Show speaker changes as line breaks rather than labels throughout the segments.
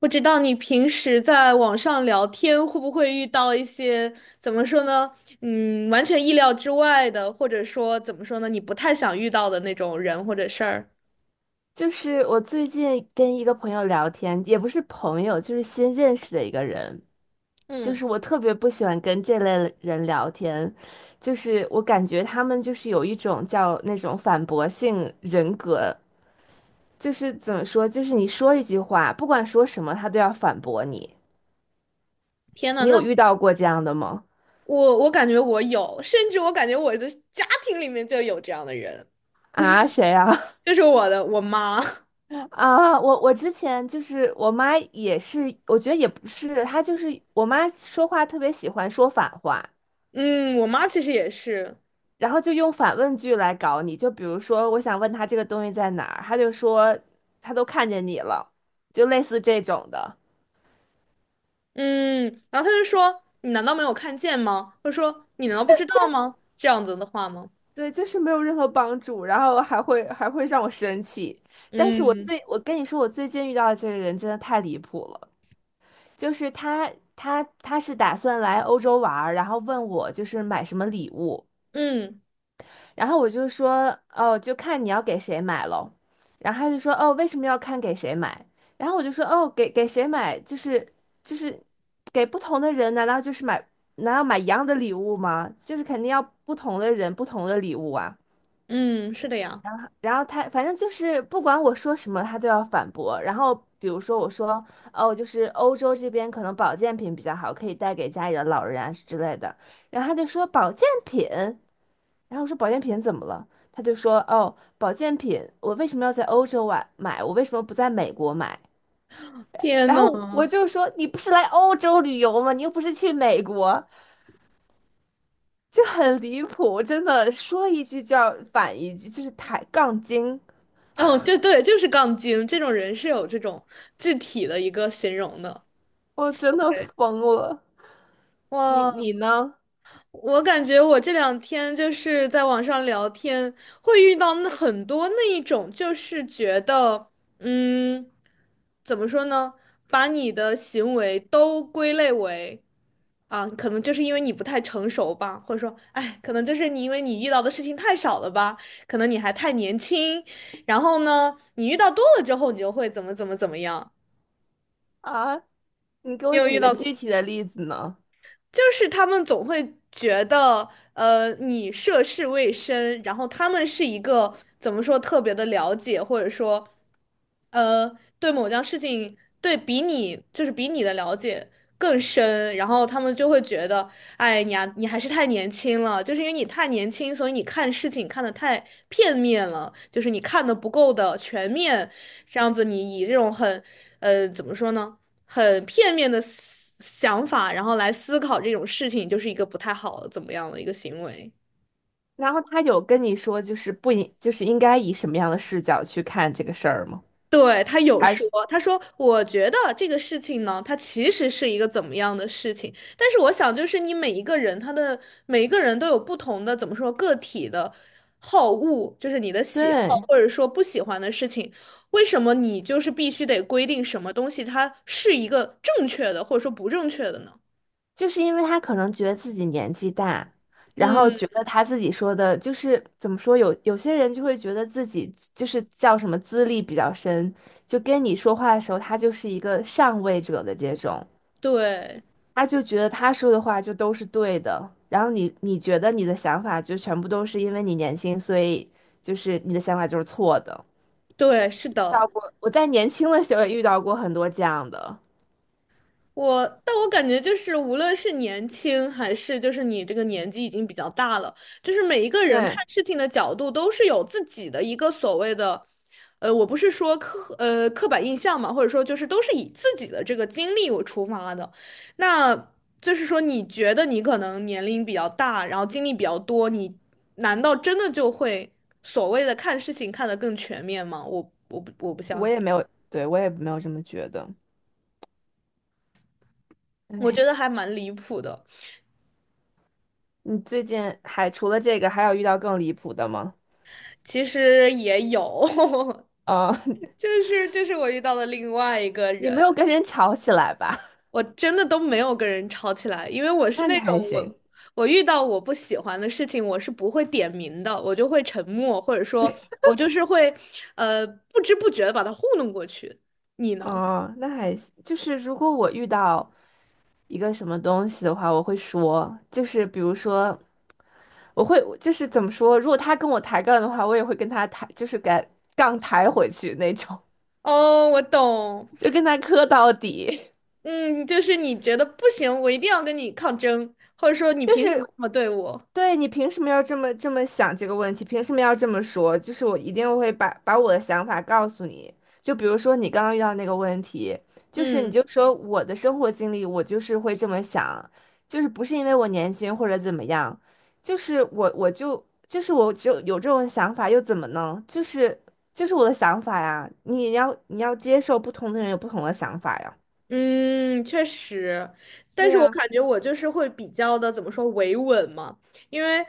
不知道你平时在网上聊天会不会遇到一些，怎么说呢？完全意料之外的，或者说怎么说呢？你不太想遇到的那种人或者事儿。
就是我最近跟一个朋友聊天，也不是朋友，就是新认识的一个人。就
嗯。
是我特别不喜欢跟这类人聊天，就是我感觉他们就是有一种叫那种反驳性人格，就是怎么说，就是你说一句话，不管说什么，他都要反驳你。
天呐，
你有
那
遇到过这样的吗？
我感觉我有，甚至我感觉我的家庭里面就有这样的人，
啊，谁啊？
就是我妈。
啊，我之前就是我妈也是，我觉得也不是，她就是我妈说话特别喜欢说反话。
嗯，我妈其实也是。
然后就用反问句来搞你，就比如说，我想问他这个东西在哪儿，他就说他都看见你了，就类似这种的。
嗯，然后她就说：“你难道没有看见吗？”或者说：“你难道不知道吗？”这样子的话吗？
对，就是没有任何帮助，然后还会让我生气。但是我
嗯
最，我跟你说，我最近遇到的这个人真的太离谱了，就是他他是打算来欧洲玩儿然后问我就是买什么礼物，
嗯
然后我就说，哦，就看你要给谁买喽。然后他就说，哦，为什么要看给谁买？然后我就说，哦，给谁买，就是给不同的人，难道就是买，难道买一样的礼物吗？就是肯定要不同的人，不同的礼物啊。
嗯，是的呀。
然后他反正就是不管我说什么，他都要反驳。然后比如说我说，哦，就是欧洲这边可能保健品比较好，可以带给家里的老人啊之类的。然后他就说保健品。然后我说保健品怎么了？他就说哦，保健品我为什么要在欧洲买？我为什么不在美国买？
天
然
呐。
后我就说你不是来欧洲旅游吗？你又不是去美国，就很离谱，真的说一句就要反一句，就是抬杠精，
哦，就对，就是杠精这种人是有这种具体的一个形容的。
我真的
对。
疯了。你
哇。
你呢？
我感觉我这两天就是在网上聊天，会遇到那很多那一种，就是觉得，嗯，怎么说呢，把你的行为都归类为，啊，可能就是因为你不太成熟吧，或者说，哎，可能就是你因为你遇到的事情太少了吧，可能你还太年轻，然后呢，你遇到多了之后，你就会怎么怎么怎么样。
啊，你给
你
我
有遇
举个
到
具
过？
体的例子呢？
就是他们总会觉得，你涉世未深，然后他们是一个怎么说特别的了解，或者说，对某件事情，对比你就是比你的了解更深，然后他们就会觉得，哎，你啊，你还是太年轻了，就是因为你太年轻，所以你看事情看得太片面了，就是你看的不够的全面，这样子你以这种很，怎么说呢？很片面的思想法，然后来思考这种事情，就是一个不太好怎么样的一个行为。
然后他有跟你说就是不应就是应该以什么样的视角去看这个事儿吗？
对，他有
还
说，
是
他说我觉得这个事情呢，它其实是一个怎么样的事情，但是我想就是你每一个人，他的每一个人都有不同的怎么说个体的好恶，就是你的喜好
对。
或者说不喜欢的事情，为什么你就是必须得规定什么东西它是一个正确的或者说不正确的呢？
就是因为他可能觉得自己年纪大，然后
嗯，
觉得他自己说的，就是怎么说，有些人就会觉得自己就是叫什么资历比较深，就跟你说话的时候，他就是一个上位者的这种，
对
他就觉得他说的话就都是对的，然后你觉得你的想法就全部都是因为你年轻，所以就是你的想法就是错的。
对，是
遇到
的。
过，我在年轻的时候也遇到过很多这样的，
但我感觉就是，无论是年轻还是就是你这个年纪已经比较大了，就是每一个人看
对，
事情的角度都是有自己的一个所谓的，呃，我不是说刻板印象嘛，或者说就是都是以自己的这个经历为出发的，那就是说你觉得你可能年龄比较大，然后经历比较多，你难道真的就会所谓的看事情看得更全面吗？我不相
我也
信，
没有，对，我也没有这么觉得。
我觉
唉
得还蛮离谱的。
你最近还除了这个，还有遇到更离谱的吗？
其实也有，
哦，
就是我遇到了另外一个
你没
人，
有跟人吵起来吧？
我真的都没有跟人吵起来，因为我 是
那你
那种
还行。
我遇到我不喜欢的事情，我是不会点名的，我就会沉默，或者说我就是会不知不觉的把他糊弄过去。你呢？
哦，那还行。就是如果我遇到一个什么东西的话，我会说，就是比如说，我会就是怎么说，如果他跟我抬杠的话，我也会跟他抬，就是敢杠抬回去那种，
哦，我懂。
就跟他磕到底。
嗯，就是你觉得不行，我一定要跟你抗争，或者说你
就
凭什么
是
这么对我？
对你凭什么要这么想这个问题？凭什么要这么说？就是我一定会把我的想法告诉你。就比如说你刚刚遇到那个问题，就是你
嗯。
就说我的生活经历，我就是会这么想，就是不是因为我年轻或者怎么样，就是我就有这种想法又怎么呢？就是我的想法呀，你要接受不同的人有不同的想法呀。
嗯，确实，但
对
是我
呀，
感觉我就是会比较的怎么说维稳嘛，因为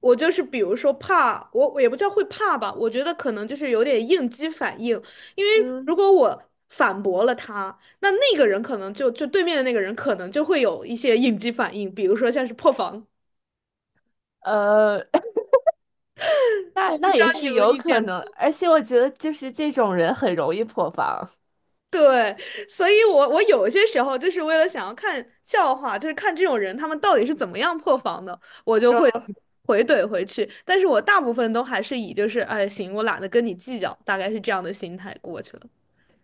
我就是比如说怕，我也不叫会怕吧，我觉得可能就是有点应激反应，因为
嗯。
如果我反驳了他，那个人可能就对面的那个人可能就会有一些应激反应，比如说像是破防，
呃。那
我不
那
知
也
道你
是
有没有
有
遇
可
见
能，
过。
而且我觉得就是这种人很容易破防。
对，所以我有些时候就是为了想要看笑话，就是看这种人他们到底是怎么样破防的，我就会
嗯
回怼回去。但是我大部分都还是以就是哎行，我懒得跟你计较，大概是这样的心态过去了。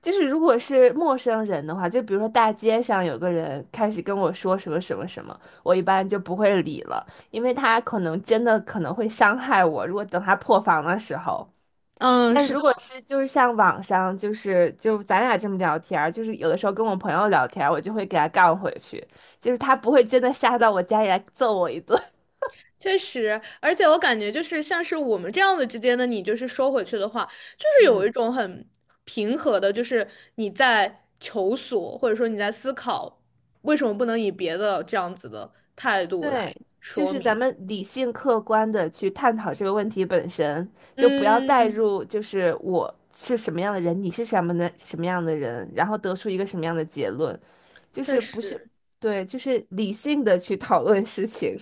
就是如果是陌生人的话，就比如说大街上有个人开始跟我说什么什么什么，我一般就不会理了，因为他可能真的可能会伤害我。如果等他破防的时候，
嗯，
但
是
如
的，
果是就是像网上就是就咱俩这么聊天儿，就是有的时候跟我朋友聊天儿，我就会给他杠回去，就是他不会真的杀到我家里来揍我一顿。
确实，而且我感觉就是像是我们这样子之间的你，就是说回去的话，就 是有一
嗯。
种很平和的，就是你在求索，或者说你在思考为什么不能以别的这样子的态度来
对，就
说
是咱
明。
们理性客观的去探讨这个问题本身，就不要带
嗯，
入，就是我是什么样的人，你是什么的什么样的人，然后得出一个什么样的结论，就
确
是不是，
实。
对，就是理性的去讨论事情，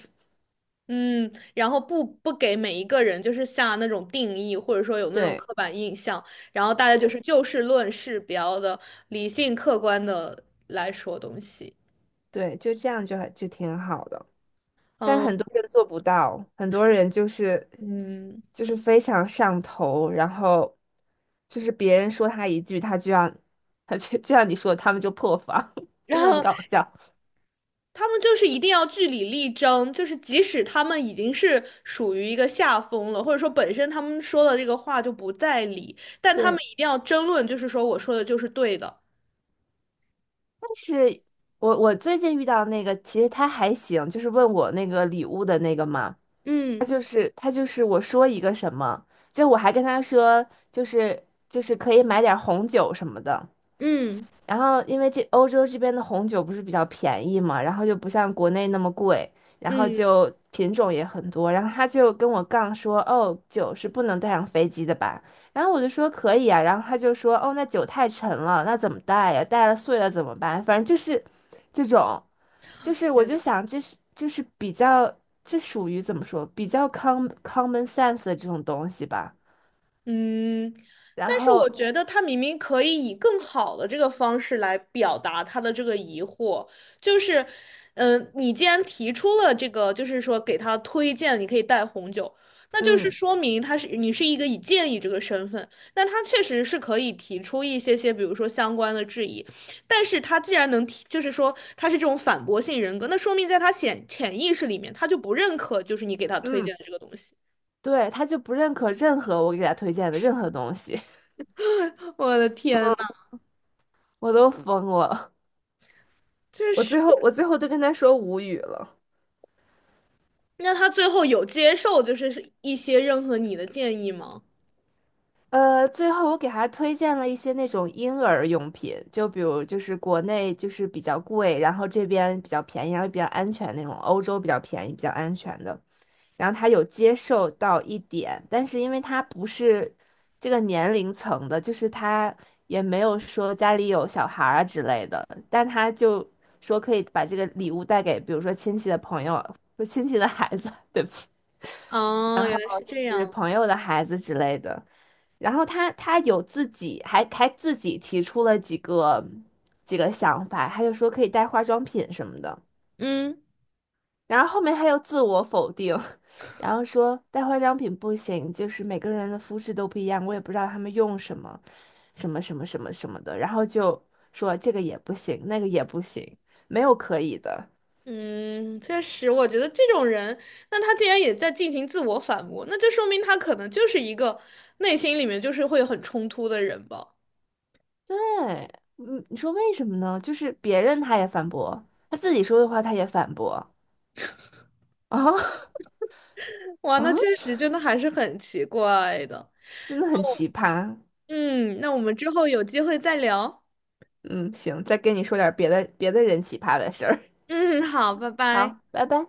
嗯，然后不给每一个人就是下那种定义，或者说有 那种
对
刻板印象，然后大家就
对
是就事论事，比较的理性客观的来说东西。
对，就这样就还就挺好的。但很
嗯
多人做不到，很多人就是
嗯。
就是非常上头，然后就是别人说他一句，他就让 他就就像你说的，他们就破防，
然
真的很
后
搞笑。
他们就是一定要据理力争，就是即使他们已经是属于一个下风了，或者说本身他们说的这个话就不在理，但他们
对，
一定要争论，就是说我说的就是对的。
但是我最近遇到那个，其实他还行，就是问我那个礼物的那个嘛，他
嗯
就是他就是我说一个什么，就我还跟他说，就是可以买点儿红酒什么的，
嗯。
然后因为这欧洲这边的红酒不是比较便宜嘛，然后就不像国内那么贵，然后
嗯。
就品种也很多，然后他就跟我杠说，哦，酒是不能带上飞机的吧？然后我就说可以啊，然后他就说，哦，那酒太沉了，那怎么带呀？带了碎了怎么办？反正就是这种，就是我就
天。
想这是就是比较这属于怎么说，比较 common sense 的这种东西吧。
嗯，
然
但是
后
我觉得他明明可以以更好的这个方式来表达他的这个疑惑，就是，你既然提出了这个，就是说给他推荐你可以带红酒，那就是
嗯
说明他是你是一个以建议这个身份，那他确实是可以提出一些，比如说相关的质疑，但是他既然能提，就是说他是这种反驳性人格，那说明在他潜意识里面他就不认可，就是你给他推
嗯。
荐的这个东西。
对，他就不认可任何我给他推荐的任何东西，
我的天呐，
我都疯了。
确
我最后
是。
我最后都跟他说无语了。
那他最后有接受就是一些任何你的建议吗？
呃，最后我给他推荐了一些那种婴儿用品，就比如就是国内就是比较贵，然后这边比较便宜，然后比较安全那种，欧洲比较便宜、比较安全的。然后他有接受到一点，但是因为他不是这个年龄层的，就是他也没有说家里有小孩儿啊之类的，但他就说可以把这个礼物带给，比如说亲戚的朋友、不亲戚的孩子，对不起，然
哦，原来
后
是
就
这
是
样。
朋友的孩子之类的。然后他有自己还自己提出了几个想法，他就说可以带化妆品什么的。
嗯
然后后面他又自我否定，然后说带化妆品不行，就是每个人的肤质都不一样，我也不知道他们用什么什么什么的，然后就说这个也不行，那个也不行，没有可以的。
嗯，确实，我觉得这种人，那他既然也在进行自我反驳，那就说明他可能就是一个内心里面就是会很冲突的人吧。
对，嗯，你说为什么呢？就是别人他也反驳，他自己说的话他也反驳啊
哇，那
啊，
确实真的还是很奇怪的。
真的很奇葩。
嗯，那我们之后有机会再聊。
嗯，行，再跟你说点别的人奇葩的事儿。
嗯，好，拜拜。
好，拜拜。